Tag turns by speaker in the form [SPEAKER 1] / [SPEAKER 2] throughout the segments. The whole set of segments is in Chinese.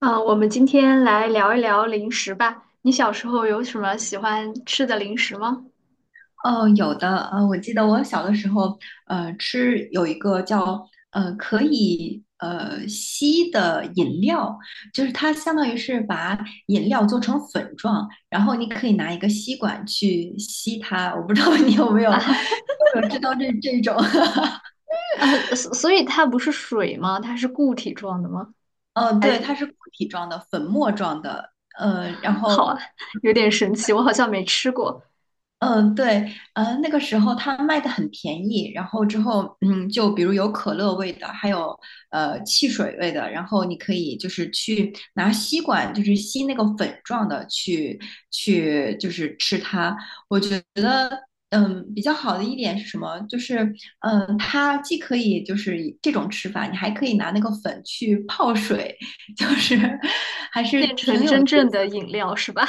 [SPEAKER 1] 我们今天来聊一聊零食吧。你小时候有什么喜欢吃的零食吗？
[SPEAKER 2] 哦，有的，我记得我小的时候，吃有一个叫可以吸的饮料，就是它相当于是把饮料做成粉状，然后你可以拿一个吸管去吸它。我不知道你有没有 有没有知道这种，
[SPEAKER 1] 所以它不是水吗？它是固体状的吗？还
[SPEAKER 2] 对，
[SPEAKER 1] 是
[SPEAKER 2] 它是固体状的、粉末状的，然后
[SPEAKER 1] 好啊，有点神奇，我好像没吃过。
[SPEAKER 2] 嗯，对，那个时候它卖的很便宜，然后之后，就比如有可乐味的，还有汽水味的，然后你可以就是去拿吸管，就是吸那个粉状的去就是吃它。我觉得，比较好的一点是什么？就是，它既可以就是以这种吃法，你还可以拿那个粉去泡水，就是
[SPEAKER 1] 变成真正的饮料是吧？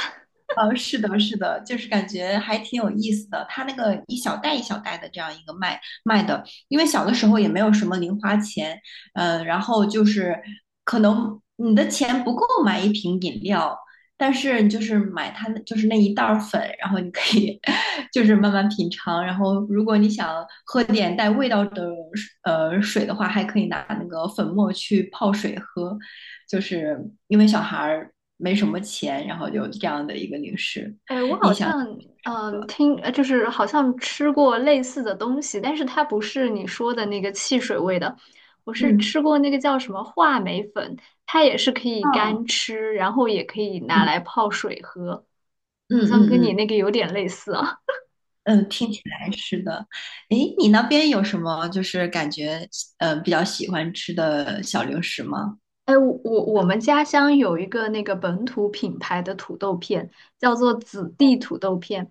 [SPEAKER 2] 是的，是的，就是感觉还挺有意思的。他那个一小袋一小袋的这样一个卖的，因为小的时候也没有什么零花钱，然后就是可能你的钱不够买一瓶饮料，但是你就是买它那就是那一袋儿粉，然后你可以 就是慢慢品尝。然后如果你想喝点带味道的水的话，还可以拿那个粉末去泡水喝。就是因为小孩没什么钱，然后有这样的一个零食，
[SPEAKER 1] 哎，我
[SPEAKER 2] 印
[SPEAKER 1] 好
[SPEAKER 2] 象
[SPEAKER 1] 像嗯
[SPEAKER 2] 刻。
[SPEAKER 1] 听，呃就是好像吃过类似的东西，但是它不是你说的那个汽水味的。我是
[SPEAKER 2] 嗯
[SPEAKER 1] 吃过那个叫什么话梅粉，它也是可以
[SPEAKER 2] 嗯，
[SPEAKER 1] 干吃，然后也可以拿
[SPEAKER 2] 嗯
[SPEAKER 1] 来泡水喝。
[SPEAKER 2] 嗯
[SPEAKER 1] 好像
[SPEAKER 2] 嗯
[SPEAKER 1] 跟你
[SPEAKER 2] 嗯
[SPEAKER 1] 那个有点类似啊。
[SPEAKER 2] 嗯，听起来是的。诶，你那边有什么就是感觉比较喜欢吃的小零食吗？
[SPEAKER 1] 哎，我们家乡有一个那个本土品牌的土豆片，叫做子弟土豆片。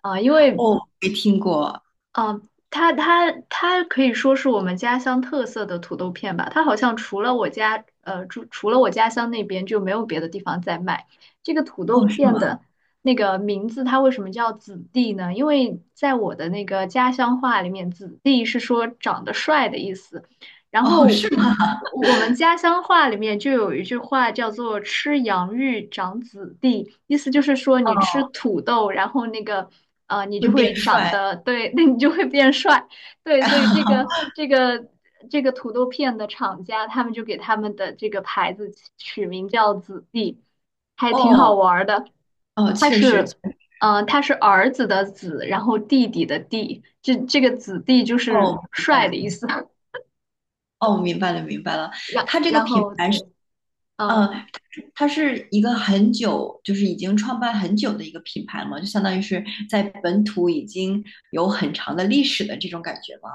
[SPEAKER 1] 啊、因为
[SPEAKER 2] 哦，没听过。
[SPEAKER 1] 啊、它可以说是我们家乡特色的土豆片吧。它好像除了我家乡那边就没有别的地方在卖这个土豆
[SPEAKER 2] 哦，是
[SPEAKER 1] 片
[SPEAKER 2] 吗？
[SPEAKER 1] 的那个名字。它为什么叫子弟呢？因为在我的那个家乡话里面，子弟是说长得帅的意思。然
[SPEAKER 2] 哦，
[SPEAKER 1] 后
[SPEAKER 2] 是吗？
[SPEAKER 1] 我们家乡话里面就有一句话叫做“吃洋芋长子弟”，意思就是说你吃
[SPEAKER 2] 哦，
[SPEAKER 1] 土豆，你
[SPEAKER 2] 会
[SPEAKER 1] 就
[SPEAKER 2] 变
[SPEAKER 1] 会长
[SPEAKER 2] 帅。
[SPEAKER 1] 得对，那你就会变帅。对，所以这个 这个这个土豆片的厂家，他们就给他们的这个牌子取名叫“子弟”，还挺好
[SPEAKER 2] 哦
[SPEAKER 1] 玩儿的。
[SPEAKER 2] 哦，
[SPEAKER 1] 它
[SPEAKER 2] 确实，确
[SPEAKER 1] 是。
[SPEAKER 2] 实。
[SPEAKER 1] 他是儿子的子，然后弟弟的弟，这个子弟就是
[SPEAKER 2] 哦，明白，
[SPEAKER 1] 帅的意思。
[SPEAKER 2] 哦，明白了，明白了。
[SPEAKER 1] 然
[SPEAKER 2] 它这个
[SPEAKER 1] 然
[SPEAKER 2] 品
[SPEAKER 1] 后
[SPEAKER 2] 牌是。
[SPEAKER 1] 对。
[SPEAKER 2] 嗯，
[SPEAKER 1] 嗯
[SPEAKER 2] 它是一个很久，就是已经创办很久的一个品牌了嘛，就相当于是在本土已经有很长的历史的这种感觉吗？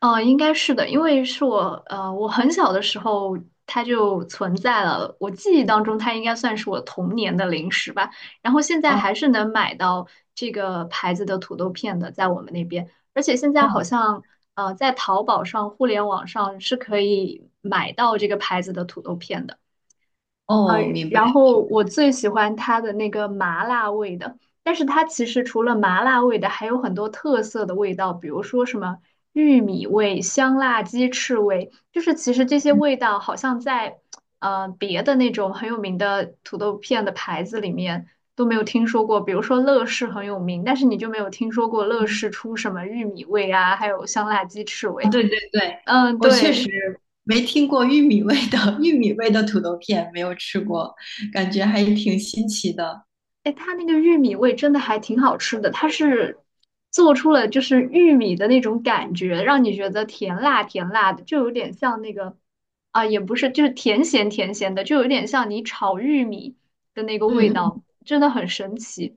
[SPEAKER 1] 应该是的，因为我很小的时候它就存在了，我记忆当中它应该算是我童年的零食吧。然后现在
[SPEAKER 2] 哦
[SPEAKER 1] 还是能买到这个牌子的土豆片的，在我们那边，而且现在好
[SPEAKER 2] 哦
[SPEAKER 1] 像呃，在淘宝上、互联网上是可以买到这个牌子的土豆片的。呃，
[SPEAKER 2] 哦，明白。
[SPEAKER 1] 然后我最喜欢它的那个麻辣味的，但是它其实除了麻辣味的，还有很多特色的味道，比如说什么玉米味、香辣鸡翅味，就是其实这些味道好像在别的那种很有名的土豆片的牌子里面都没有听说过。比如说乐事很有名，但是你就没有听说过乐
[SPEAKER 2] 嗯，
[SPEAKER 1] 事出什么玉米味啊，还有香辣鸡翅
[SPEAKER 2] 啊
[SPEAKER 1] 味。
[SPEAKER 2] 对对对，
[SPEAKER 1] 嗯，
[SPEAKER 2] 我确实
[SPEAKER 1] 对。
[SPEAKER 2] 没听过玉米味的 玉米味的土豆片，没有吃过，感觉还挺新奇的。
[SPEAKER 1] 哎，它那个玉米味真的还挺好吃的，它是做出了就是玉米的那种感觉，让你觉得甜辣甜辣的，就有点像那个，也不是，就是甜咸甜咸的，就有点像你炒玉米的那个味
[SPEAKER 2] 嗯，
[SPEAKER 1] 道，真的很神奇。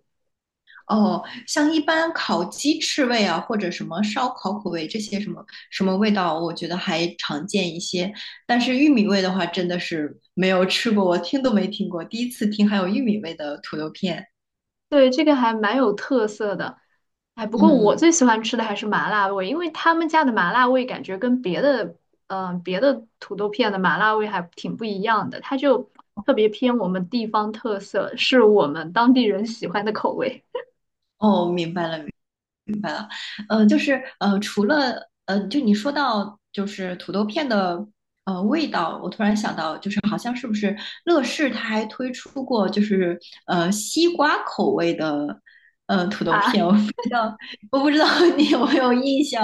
[SPEAKER 2] 哦，像一般烤鸡翅味啊，或者什么烧烤口味这些什么什么味道，我觉得还常见一些。但是玉米味的话，真的是没有吃过，我听都没听过，第一次听还有玉米味的土豆片。
[SPEAKER 1] 对，这个还蛮有特色的。哎，不过
[SPEAKER 2] 嗯，
[SPEAKER 1] 我最喜欢吃的还是麻辣味，因为他们家的麻辣味感觉跟别的土豆片的麻辣味还挺不一样的，它就特别偏我们地方特色，是我们当地人喜欢的口味。
[SPEAKER 2] 哦，明白了，就是除了就你说到就是土豆片的味道，我突然想到，就是好像是不是乐事它还推出过就是西瓜口味的土 豆片，
[SPEAKER 1] 啊。
[SPEAKER 2] 我不知道 你有没有印象，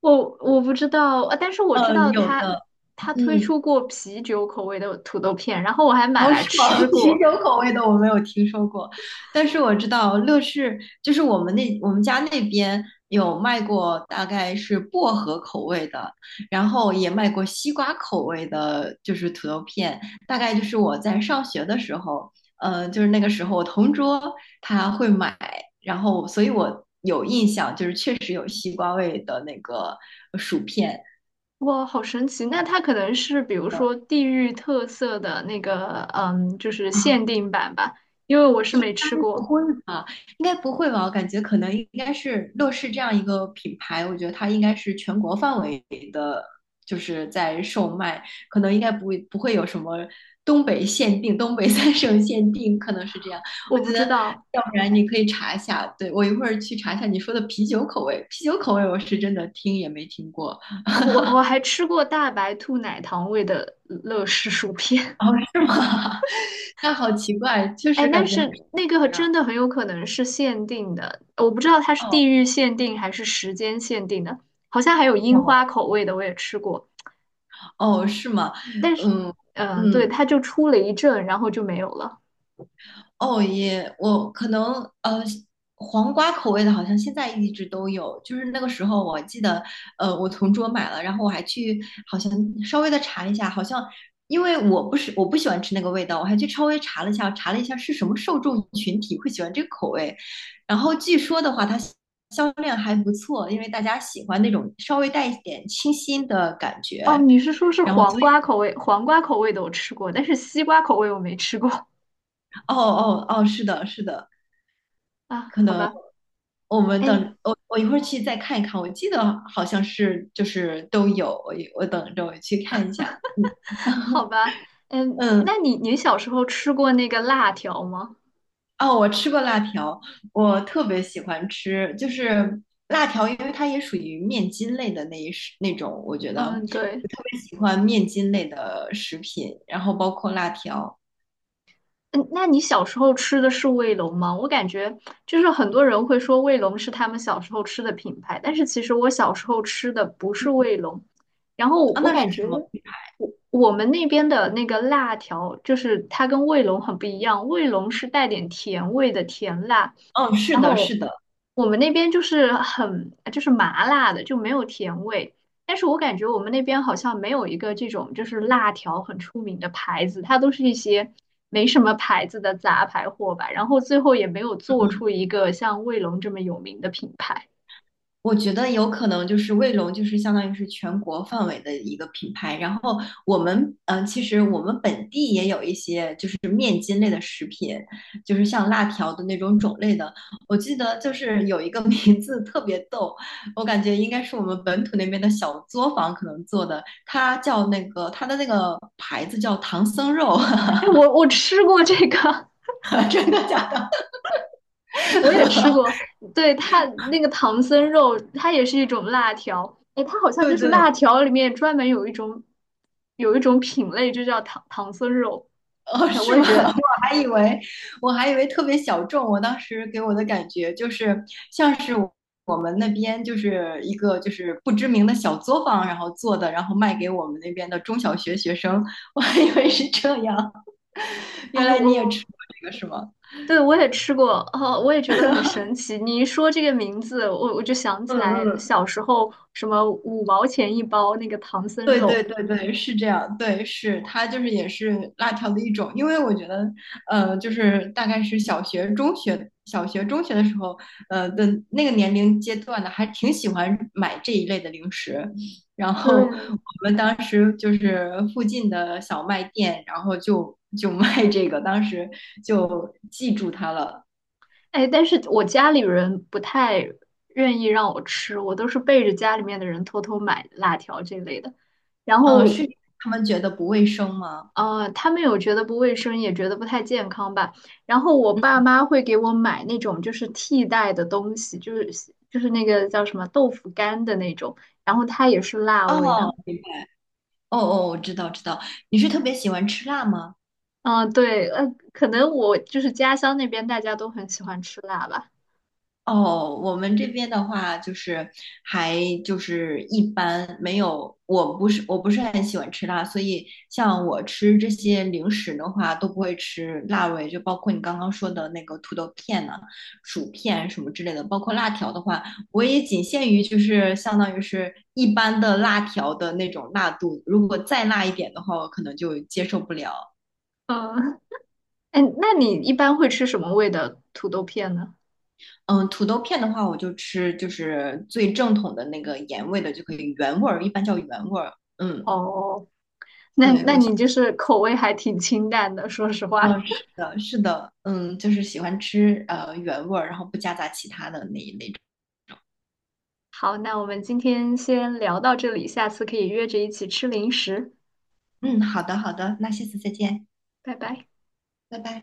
[SPEAKER 1] 我不知道，但是我知道
[SPEAKER 2] 有
[SPEAKER 1] 他
[SPEAKER 2] 的，
[SPEAKER 1] 他推
[SPEAKER 2] 嗯，
[SPEAKER 1] 出过啤酒口味的土豆片，然后我还买
[SPEAKER 2] 哦，是
[SPEAKER 1] 来
[SPEAKER 2] 吗？
[SPEAKER 1] 吃
[SPEAKER 2] 啤
[SPEAKER 1] 过。
[SPEAKER 2] 酒口味的我没有听说过，但是我知道乐事就是我们家那边有卖过，大概是薄荷口味的，然后也卖过西瓜口味的，就是土豆片，大概就是我在上学的时候，就是那个时候我同桌他会买，然后所以我有印象，就是确实有西瓜味的那个薯片。
[SPEAKER 1] 哇，好神奇！那它可能是比如说地域特色的那个，嗯，就是
[SPEAKER 2] 啊，
[SPEAKER 1] 限定版吧，因为我是没吃
[SPEAKER 2] 不
[SPEAKER 1] 过，
[SPEAKER 2] 会吧？应该不会吧？我感觉可能应该是乐视这样一个品牌，我觉得它应该是全国范围的，就是在售卖，可能应该不会有什么东北限定、东北三省限定，可能是这样。
[SPEAKER 1] 我
[SPEAKER 2] 我
[SPEAKER 1] 不
[SPEAKER 2] 觉得，
[SPEAKER 1] 知道。
[SPEAKER 2] 要不然你可以查一下，对，我一会儿去查一下你说的啤酒口味，啤酒口味我是真的听也没听过。
[SPEAKER 1] 哦我还吃过大白兔奶糖味的乐事薯片。
[SPEAKER 2] 哦，是吗？那好奇怪，确
[SPEAKER 1] 哎，
[SPEAKER 2] 实
[SPEAKER 1] 但
[SPEAKER 2] 感觉还是
[SPEAKER 1] 是那
[SPEAKER 2] 不
[SPEAKER 1] 个
[SPEAKER 2] 一样。
[SPEAKER 1] 真的很有可能是限定的，我不知道它是
[SPEAKER 2] 哦
[SPEAKER 1] 地域限定还是时间限定的。好像还有樱花
[SPEAKER 2] 哦
[SPEAKER 1] 口味的，我也吃过，
[SPEAKER 2] 哦，是吗？
[SPEAKER 1] 但是，
[SPEAKER 2] 嗯
[SPEAKER 1] 对，
[SPEAKER 2] 嗯，
[SPEAKER 1] 它就出了一阵，然后就没有了。
[SPEAKER 2] 哦也，我可能呃，黄瓜口味的，好像现在一直都有。就是那个时候，我记得，我同桌买了，然后我还去好像稍微的查一下，好像因为我不喜欢吃那个味道，我还去稍微查了一下，是什么受众群体会喜欢这个口味。然后据说的话，它销量还不错，因为大家喜欢那种稍微带一点清新的感
[SPEAKER 1] 哦，
[SPEAKER 2] 觉。
[SPEAKER 1] 你是说是
[SPEAKER 2] 然后，
[SPEAKER 1] 黄瓜口味？黄瓜口味的我吃过，但是西瓜口味我没吃过。
[SPEAKER 2] 哦哦哦，是的，是的。
[SPEAKER 1] 啊。
[SPEAKER 2] 可
[SPEAKER 1] 好
[SPEAKER 2] 能
[SPEAKER 1] 吧，
[SPEAKER 2] 我们
[SPEAKER 1] 哎，
[SPEAKER 2] 等我一会儿去再看一看，我记得好像是就是都有，我等着我去看一下。嗯
[SPEAKER 1] 好吧。嗯，
[SPEAKER 2] 嗯，
[SPEAKER 1] 那你小时候吃过那个辣条吗？
[SPEAKER 2] 哦，我吃过辣条，我特别喜欢吃，就是辣条，因为它也属于面筋类的那一食那种，我觉得
[SPEAKER 1] 嗯，
[SPEAKER 2] 我
[SPEAKER 1] 对。
[SPEAKER 2] 特别喜欢面筋类的食品，然后包括辣条
[SPEAKER 1] 嗯，那你小时候吃的是卫龙吗？我感觉就是很多人会说卫龙是他们小时候吃的品牌，但是其实我小时候吃的不是卫龙，然后
[SPEAKER 2] 啊，
[SPEAKER 1] 我
[SPEAKER 2] 那
[SPEAKER 1] 感
[SPEAKER 2] 是什
[SPEAKER 1] 觉。
[SPEAKER 2] 么？
[SPEAKER 1] 我们那边的那个辣条，就是它跟卫龙很不一样，卫龙是带点甜味的甜辣，
[SPEAKER 2] 哦，是
[SPEAKER 1] 然
[SPEAKER 2] 的，是
[SPEAKER 1] 后
[SPEAKER 2] 的，
[SPEAKER 1] 我们那边就是很就是麻辣的，就没有甜味。但是我感觉我们那边好像没有一个这种就是辣条很出名的牌子，它都是一些没什么牌子的杂牌货吧。然后最后也没有做出一个像卫龙这么有名的品牌。
[SPEAKER 2] 我觉得有可能就是卫龙，就是相当于是全国范围的一个品牌。然后我们，其实我们本地也有一些就是面筋类的食品，就是像辣条的那种种类的。我记得就是有一个 名字特别逗，我感觉应该是我们本土那边的小作坊可能做的，它的那个牌子叫唐僧肉，
[SPEAKER 1] 哎，我我吃过这个。
[SPEAKER 2] 真的假的？
[SPEAKER 1] 我也吃过。对，它那个唐僧肉，它也是一种辣条。哎，它好 像
[SPEAKER 2] 对
[SPEAKER 1] 就是辣
[SPEAKER 2] 对，
[SPEAKER 1] 条里面专门有一种品类，就叫唐僧肉。
[SPEAKER 2] 哦，
[SPEAKER 1] 哎，我
[SPEAKER 2] 是
[SPEAKER 1] 也
[SPEAKER 2] 吗？
[SPEAKER 1] 觉 得，
[SPEAKER 2] 我还以为我还以为特别小众。我当时给我的感觉就是像是我们那边就是一个就是不知名的小作坊，然后做的，然后卖给我们那边的中小学学生。我还以为是这样，原
[SPEAKER 1] 哎，
[SPEAKER 2] 来你也吃
[SPEAKER 1] 我
[SPEAKER 2] 过这个是吗？
[SPEAKER 1] 对我也吃过。哦，我也觉得很神奇。你一说这个名字，我就想起
[SPEAKER 2] 嗯
[SPEAKER 1] 来
[SPEAKER 2] 嗯，
[SPEAKER 1] 小时候什么五毛钱一包那个唐僧
[SPEAKER 2] 对
[SPEAKER 1] 肉。
[SPEAKER 2] 对对对，是这样，对，是它就是也是辣条的一种，因为我觉得，就是大概是小学、中学、小学、中学的时候，的那个年龄阶段的，还挺喜欢买这一类的零食。然后
[SPEAKER 1] 对，
[SPEAKER 2] 我们当时就是附近的小卖店，然后就卖这个，当时就记住它了。
[SPEAKER 1] 哎，但是我家里人不太愿意让我吃，我都是背着家里面的人偷偷买辣条这类的。然
[SPEAKER 2] 哦，
[SPEAKER 1] 后，
[SPEAKER 2] 是他们觉得不卫生吗？
[SPEAKER 1] 他们有觉得不卫生，也觉得不太健康吧。然后我爸妈会给我买那种就是替代的东西，就是那个叫什么豆腐干的那种，然后它也是辣味
[SPEAKER 2] 哦，
[SPEAKER 1] 的。
[SPEAKER 2] 明白。哦哦，我知道知道。你是特别喜欢吃辣吗？
[SPEAKER 1] 嗯，对，可能我就是家乡那边大家都很喜欢吃辣吧。
[SPEAKER 2] 哦，我们这边的话就是还就是一般没有，我不是很喜欢吃辣，所以像我吃这些零食的话都不会吃辣味，就包括你刚刚说的那个土豆片呐、薯片什么之类的，包括辣条的话，我也仅限于就是相当于是一般的辣条的那种辣度，如果再辣一点的话，我可能就接受不了。
[SPEAKER 1] 嗯，哎，那你一般会吃什么味的土豆片呢？
[SPEAKER 2] 嗯，土豆片的话，我就吃就是最正统的那个盐味的就可以，原味儿一般叫原味儿。嗯，
[SPEAKER 1] 哦。那
[SPEAKER 2] 对，
[SPEAKER 1] 那
[SPEAKER 2] 我想，
[SPEAKER 1] 你就是口味还挺清淡的，说实话。
[SPEAKER 2] 嗯，是的，是的，嗯，就是喜欢吃原味儿，然后不夹杂其他的那一类种。
[SPEAKER 1] 好，那我们今天先聊到这里，下次可以约着一起吃零食，
[SPEAKER 2] 嗯，好的，好的，那下次再见，
[SPEAKER 1] 拜拜。
[SPEAKER 2] 拜拜。